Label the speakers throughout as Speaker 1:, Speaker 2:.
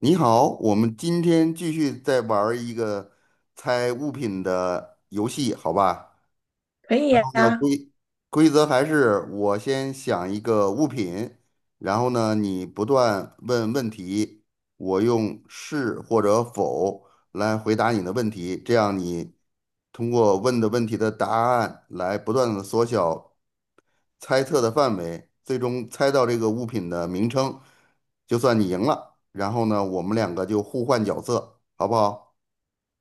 Speaker 1: 你好，我们今天继续再玩儿一个猜物品的游戏，好吧？
Speaker 2: 可以
Speaker 1: 那
Speaker 2: 呀，
Speaker 1: 规规则还是我先想一个物品，然后呢，你不断问问题，我用是或者否来回答你的问题，这样你通过问的问题的答案来不断的缩小猜测的范围，最终猜到这个物品的名称，就算你赢了。然后呢，我们两个就互换角色，好不好？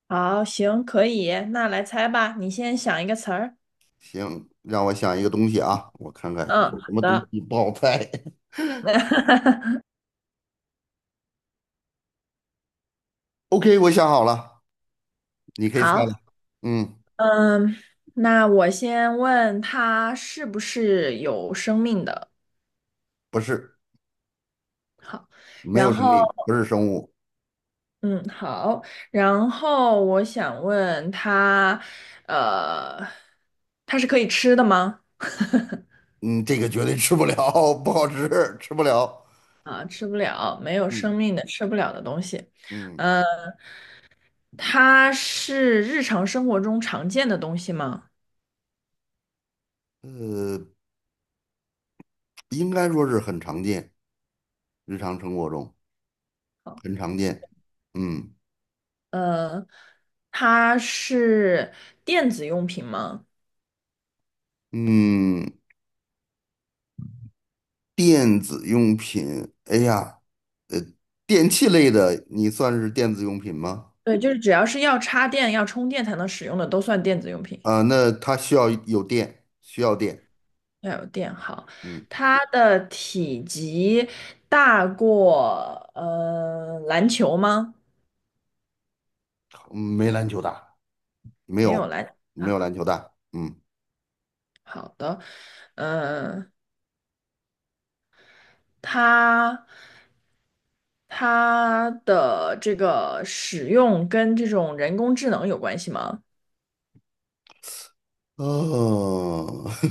Speaker 2: 好，行，可以，那来猜吧，你先想一个词儿。
Speaker 1: 行，让我想一个东西啊，我看看
Speaker 2: 嗯，好
Speaker 1: 有什么东
Speaker 2: 的，
Speaker 1: 西不好猜。OK，我想好了，你可以猜了。
Speaker 2: 好，
Speaker 1: 嗯，
Speaker 2: 嗯，那我先问它是不是有生命的？
Speaker 1: 不是，
Speaker 2: 好，
Speaker 1: 没有
Speaker 2: 然
Speaker 1: 生
Speaker 2: 后，
Speaker 1: 命，不是生物。
Speaker 2: 嗯，好，然后我想问它，呃，它是可以吃的吗？
Speaker 1: 嗯，这个绝对吃不了，不好吃，吃不了。
Speaker 2: 啊，吃不了，没有生
Speaker 1: 嗯
Speaker 2: 命的，吃不了的东西。
Speaker 1: 嗯，
Speaker 2: 呃，它是日常生活中常见的东西吗？
Speaker 1: 呃，应该说是很常见，日常生活中很常见。嗯
Speaker 2: 呃，它是电子用品吗？
Speaker 1: 嗯。电子用品，哎呀，呃，电器类的，你算是电子用品吗？
Speaker 2: 对，就是只要是要插电、要充电才能使用的，都算电子用品。
Speaker 1: 啊、那它需要有电，需要电。
Speaker 2: 要有电好，
Speaker 1: 嗯，
Speaker 2: 它的体积大过篮球吗？
Speaker 1: 没篮球大，没
Speaker 2: 没有
Speaker 1: 有，
Speaker 2: 篮
Speaker 1: 没
Speaker 2: 啊。
Speaker 1: 有篮球大。嗯，
Speaker 2: 好的，嗯、它它的这个使用跟这种人工智能有关系吗？
Speaker 1: 哦，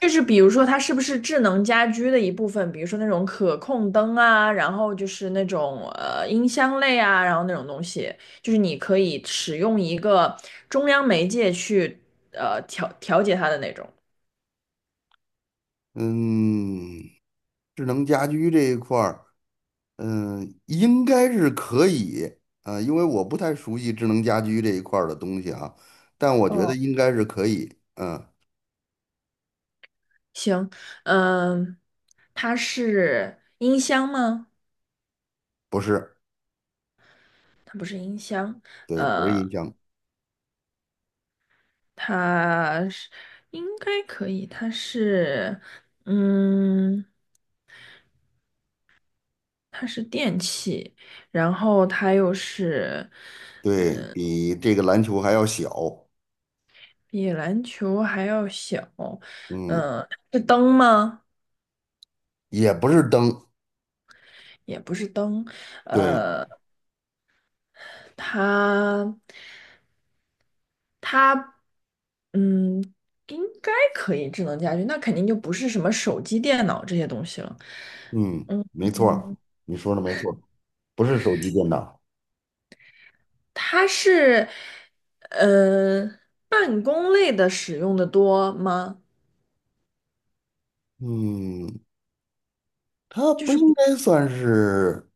Speaker 2: 就是比如说它是不是智能家居的一部分，比如说那种可控灯啊，然后就是那种音箱类啊，然后那种东西，就是你可以使用一个中央媒介去调节它的那种。
Speaker 1: 嗯，智能家居这一块儿，嗯，应该是可以啊、因为我不太熟悉智能家居这一块儿的东西啊，但我觉得
Speaker 2: 哦，
Speaker 1: 应该是可以。嗯，
Speaker 2: 行，嗯，它是音箱吗？
Speaker 1: 不是，
Speaker 2: 它不是音箱，
Speaker 1: 对，不是
Speaker 2: 呃，
Speaker 1: 音箱。
Speaker 2: 它是应该可以，它是嗯。它是电器，然后它又是
Speaker 1: 对，比这个篮球还要小，
Speaker 2: 比篮球还要小，
Speaker 1: 嗯，
Speaker 2: 是灯吗？
Speaker 1: 也不是灯，
Speaker 2: 也不是灯，
Speaker 1: 对，
Speaker 2: 它它嗯，应该可以智能家居，那肯定就不是什么手机、电脑这些东西了。
Speaker 1: 嗯，没错儿。
Speaker 2: 嗯，
Speaker 1: 你说的没错儿，不是手机电脑，
Speaker 2: 它是呃办公类的使用的多吗？
Speaker 1: 嗯，它
Speaker 2: 就
Speaker 1: 不
Speaker 2: 是
Speaker 1: 应
Speaker 2: 不
Speaker 1: 该算是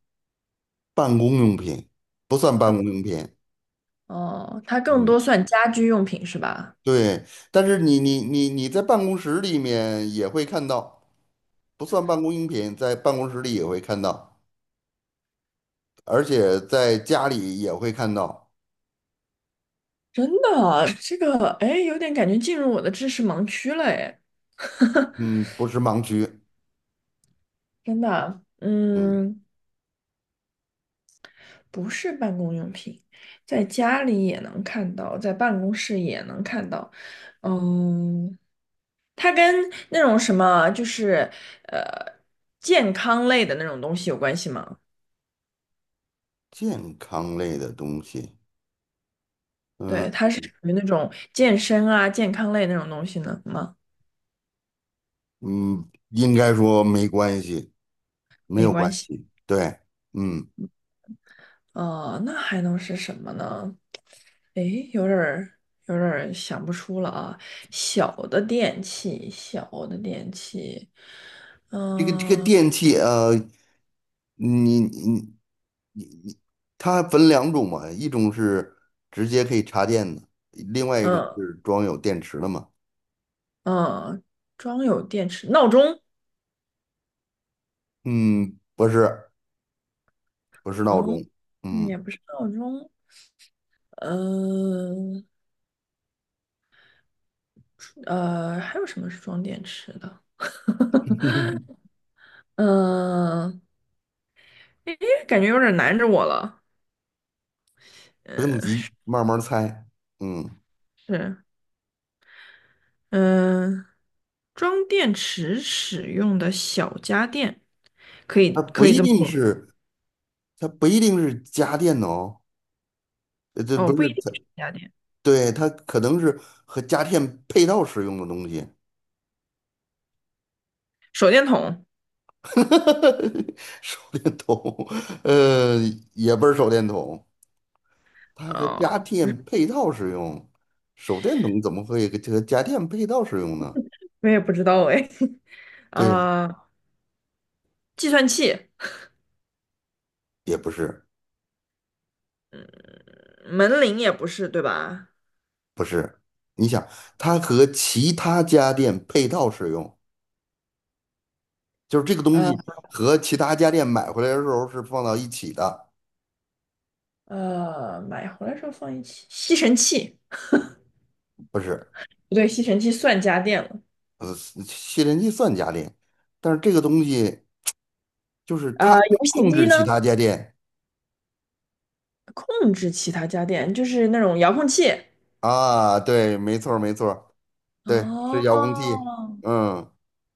Speaker 1: 办公用品，不算办
Speaker 2: 它
Speaker 1: 公用品，
Speaker 2: 哦，它更多
Speaker 1: 嗯，
Speaker 2: 算家居用品是吧？
Speaker 1: 对，但是你在办公室里面也会看到，不算办公用品，在办公室里也会看到，而且在家里也会看到，
Speaker 2: 真的，这个哎，有点感觉进入我的知识盲区了哎，
Speaker 1: 嗯，不是盲区，
Speaker 2: 真的，
Speaker 1: 嗯，
Speaker 2: 嗯，不是办公用品，在家里也能看到，在办公室也能看到，嗯，它跟那种什么就是呃健康类的那种东西有关系吗？
Speaker 1: 健康类的东西。嗯，
Speaker 2: 对，它是属于那种健身啊、健康类那种东西呢吗？
Speaker 1: 嗯，应该说没关系，没
Speaker 2: 没
Speaker 1: 有
Speaker 2: 关
Speaker 1: 关
Speaker 2: 系，
Speaker 1: 系。对，嗯，
Speaker 2: 哦、那还能是什么呢？诶，有点儿想不出了啊。小的电器，小的电器，
Speaker 1: 这个
Speaker 2: 嗯
Speaker 1: 电器，你它分两种嘛，一种是直接可以插电的，另外一种
Speaker 2: 嗯
Speaker 1: 是装有电池的嘛。
Speaker 2: 嗯，装有电池，闹钟，
Speaker 1: 嗯，不是，不是闹
Speaker 2: 嗯，
Speaker 1: 钟，
Speaker 2: 嗯
Speaker 1: 嗯，
Speaker 2: 也不是闹钟，嗯呃，还有什么是装电池的？嗯，诶，感觉有点难着我了。
Speaker 1: 不用
Speaker 2: 嗯
Speaker 1: 急，慢慢猜。嗯，
Speaker 2: 是，嗯，装电池使用的小家电，
Speaker 1: 它不
Speaker 2: 可以
Speaker 1: 一
Speaker 2: 这么
Speaker 1: 定
Speaker 2: 说。
Speaker 1: 是，它不一定是家电的哦，呃这
Speaker 2: 哦，
Speaker 1: 不
Speaker 2: 不一
Speaker 1: 是
Speaker 2: 定
Speaker 1: 它，
Speaker 2: 是家电。
Speaker 1: 对，它可能是和家电配套使用的东西。
Speaker 2: 手电筒，
Speaker 1: 手电筒，呃，也不是手电筒，它和
Speaker 2: 啊，
Speaker 1: 家电配套使用。手电筒怎么会和家电配套使用呢？
Speaker 2: 我也不知道哎，
Speaker 1: 对呀，
Speaker 2: 啊，计算器，
Speaker 1: 也不是，
Speaker 2: 门铃也不是，对吧？
Speaker 1: 不是。你想，它和其他家电配套使用，就是这个东
Speaker 2: 呃
Speaker 1: 西和其他家电买回来的时候是放到一起的，
Speaker 2: 呃，买回来时候放一起，吸尘器，
Speaker 1: 不是？
Speaker 2: 不对，吸尘器算家电了。
Speaker 1: 呃，吸尘器算家电，但是这个东西就是它
Speaker 2: 呃，游戏
Speaker 1: 控
Speaker 2: 机
Speaker 1: 制
Speaker 2: 呢，
Speaker 1: 其他家电
Speaker 2: 控制其他家电，就是那种遥控器。
Speaker 1: 啊。对，没错儿，没错儿。对，是
Speaker 2: 哦
Speaker 1: 遥控器。嗯，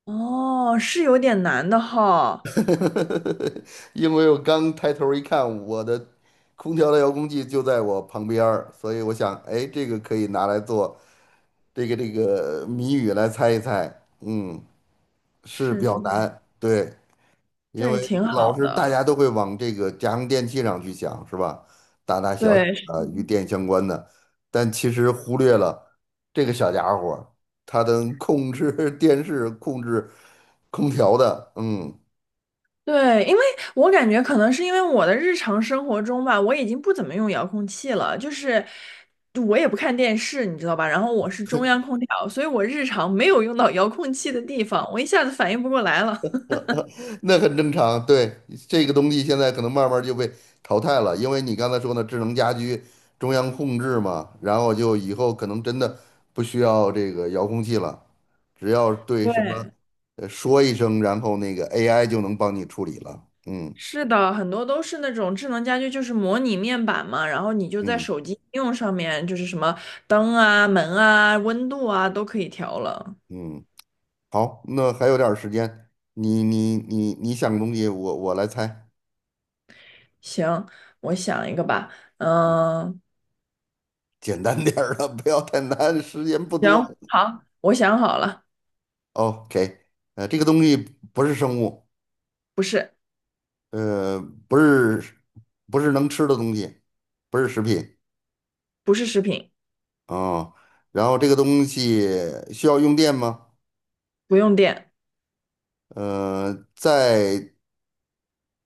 Speaker 2: 哦，是有点难的哈，
Speaker 1: 因为我刚抬头一看，我的空调的遥控器就在我旁边儿，所以我想，哎，这个可以拿来做这个谜语来猜一猜。嗯，是比
Speaker 2: 是是
Speaker 1: 较
Speaker 2: 是，
Speaker 1: 难。对，因
Speaker 2: 这个
Speaker 1: 为
Speaker 2: 挺
Speaker 1: 老
Speaker 2: 好
Speaker 1: 是大
Speaker 2: 的，
Speaker 1: 家都会往这个家用电器上去想，是吧？大大小小
Speaker 2: 对。是
Speaker 1: 的与电相关的，但其实忽略了这个小家伙儿，它能控制 电视、控制空调的，嗯，
Speaker 2: 对，因为我感觉可能是因为我的日常生活中吧，我已经不怎么用遥控器了，就是我也不看电视，你知道吧？然后我是中央空调，所以我日常没有用到遥控器的地方，我一下子反应不过来了。
Speaker 1: 那很正常，对，这个东西现在可能慢慢就被淘汰了，因为你刚才说的智能家居中央控制嘛，然后就以后可能真的不需要这个遥控器了，只要 对
Speaker 2: 对，
Speaker 1: 什么说一声，然后那个 AI 就能帮你处理了。嗯
Speaker 2: 是的，很多都是那种智能家居，就是模拟面板嘛，然后你就在
Speaker 1: 嗯
Speaker 2: 手机应用上面，就是什么灯啊、门啊、温度啊都可以调了。
Speaker 1: 嗯，好，那还有点儿时间，你想东西，我来猜，
Speaker 2: 行，我想一个吧，嗯，
Speaker 1: 简单点儿的，不要太难，时间不多。
Speaker 2: 行，好，我想好了，
Speaker 1: OK，呃，这个东西不是生物。
Speaker 2: 不是。
Speaker 1: 呃，不是不是能吃的东西，不是食品
Speaker 2: 不是食品，
Speaker 1: 啊。然后这个东西需要用电吗？
Speaker 2: 不用电，
Speaker 1: 呃，在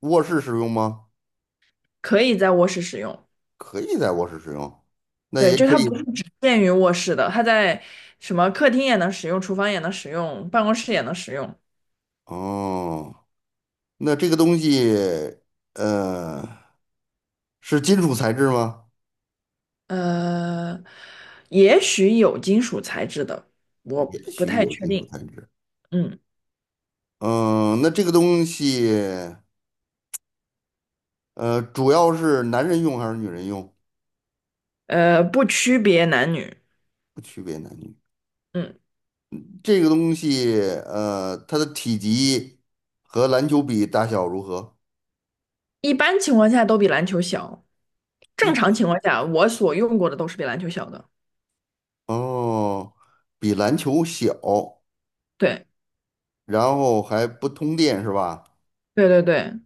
Speaker 1: 卧室使用吗？
Speaker 2: 可以在卧室使用。
Speaker 1: 可以在卧室使用，那
Speaker 2: 对，
Speaker 1: 也
Speaker 2: 就
Speaker 1: 可
Speaker 2: 它不是
Speaker 1: 以。
Speaker 2: 只限于卧室的，它在什么客厅也能使用，厨房也能使用，办公室也能使用。
Speaker 1: 哦，那这个东西呃是金属材质吗？
Speaker 2: 呃，也许有金属材质的，我
Speaker 1: 也
Speaker 2: 不
Speaker 1: 许
Speaker 2: 太
Speaker 1: 有
Speaker 2: 确
Speaker 1: 金属
Speaker 2: 定。
Speaker 1: 材质。
Speaker 2: 嗯，
Speaker 1: 嗯，那这个东西主要是男人用还是女人用？
Speaker 2: 呃，不区别男女。
Speaker 1: 不区别男女。
Speaker 2: 嗯，
Speaker 1: 这个东西，呃，它的体积和篮球比大小如何？
Speaker 2: 一般情况下都比篮球小。正
Speaker 1: 一
Speaker 2: 常情况下，我所用过的都是比篮球小的。
Speaker 1: 哦，比篮球小，
Speaker 2: 对，
Speaker 1: 然后还不通电是吧？
Speaker 2: 对对对，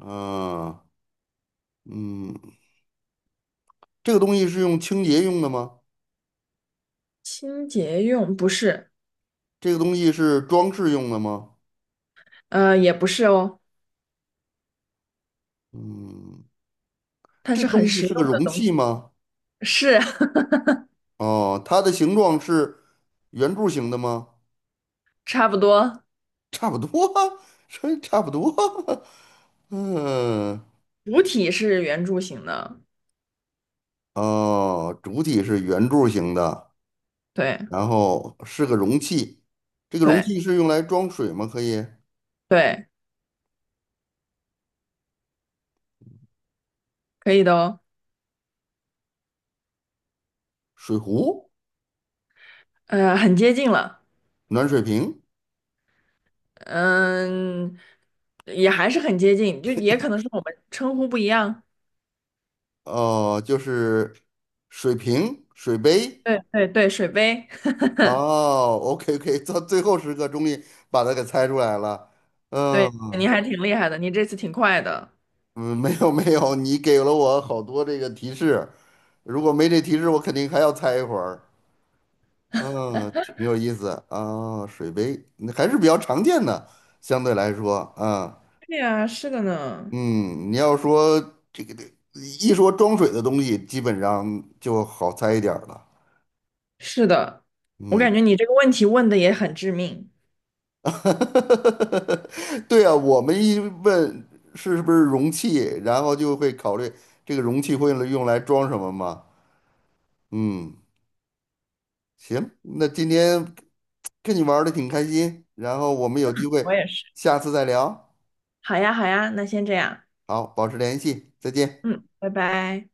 Speaker 1: 嗯嗯，这个东西是用清洁用的吗？
Speaker 2: 清洁用不是，
Speaker 1: 这个东西是装饰用的吗？
Speaker 2: 呃，也不是哦，
Speaker 1: 嗯，
Speaker 2: 它
Speaker 1: 这
Speaker 2: 是
Speaker 1: 个
Speaker 2: 很
Speaker 1: 东西
Speaker 2: 实
Speaker 1: 是个
Speaker 2: 用的
Speaker 1: 容
Speaker 2: 东
Speaker 1: 器
Speaker 2: 西。
Speaker 1: 吗？
Speaker 2: 是
Speaker 1: 哦，它的形状是圆柱形的吗？
Speaker 2: 差不多，
Speaker 1: 差不多啊，这差不多啊 嗯。
Speaker 2: 主体是圆柱形的，
Speaker 1: 哦，主体是圆柱形的，
Speaker 2: 对
Speaker 1: 然后是个容器，这个容
Speaker 2: 对
Speaker 1: 器是用来装水吗？可以，
Speaker 2: 对，可以的哦，
Speaker 1: 水壶、
Speaker 2: 呃，很接近了，
Speaker 1: 暖水瓶，
Speaker 2: 嗯，也还是很接近，就也可能是我们称呼不一样，
Speaker 1: 哦，就是水瓶、水杯。
Speaker 2: 对对对，水杯，
Speaker 1: 哦，OK OK，到最后时刻终于把它给猜出来了。嗯
Speaker 2: 对，你还挺厉害的，你这次挺快的，
Speaker 1: 嗯，没有，你给了我好多这个提示，如果没这提示，我肯定还要猜一会儿。啊，挺有意思啊，水杯那还是比较常见的，相对来说啊，
Speaker 2: 对呀，是的呢，
Speaker 1: 嗯，你要说这一说装水的东西，基本上就好猜一点儿了，
Speaker 2: 是的，我感
Speaker 1: 嗯，
Speaker 2: 觉你这个问题问的也很致命，
Speaker 1: 对啊，我们一问是不是容器，然后就会考虑这个容器会用来装什么嘛，嗯，行，那今天跟你玩的挺开心，然后我们有机
Speaker 2: 我
Speaker 1: 会
Speaker 2: 也是，
Speaker 1: 下次再聊，
Speaker 2: 好呀好呀，那先这样，
Speaker 1: 好，保持联系，再见。
Speaker 2: 嗯，拜拜。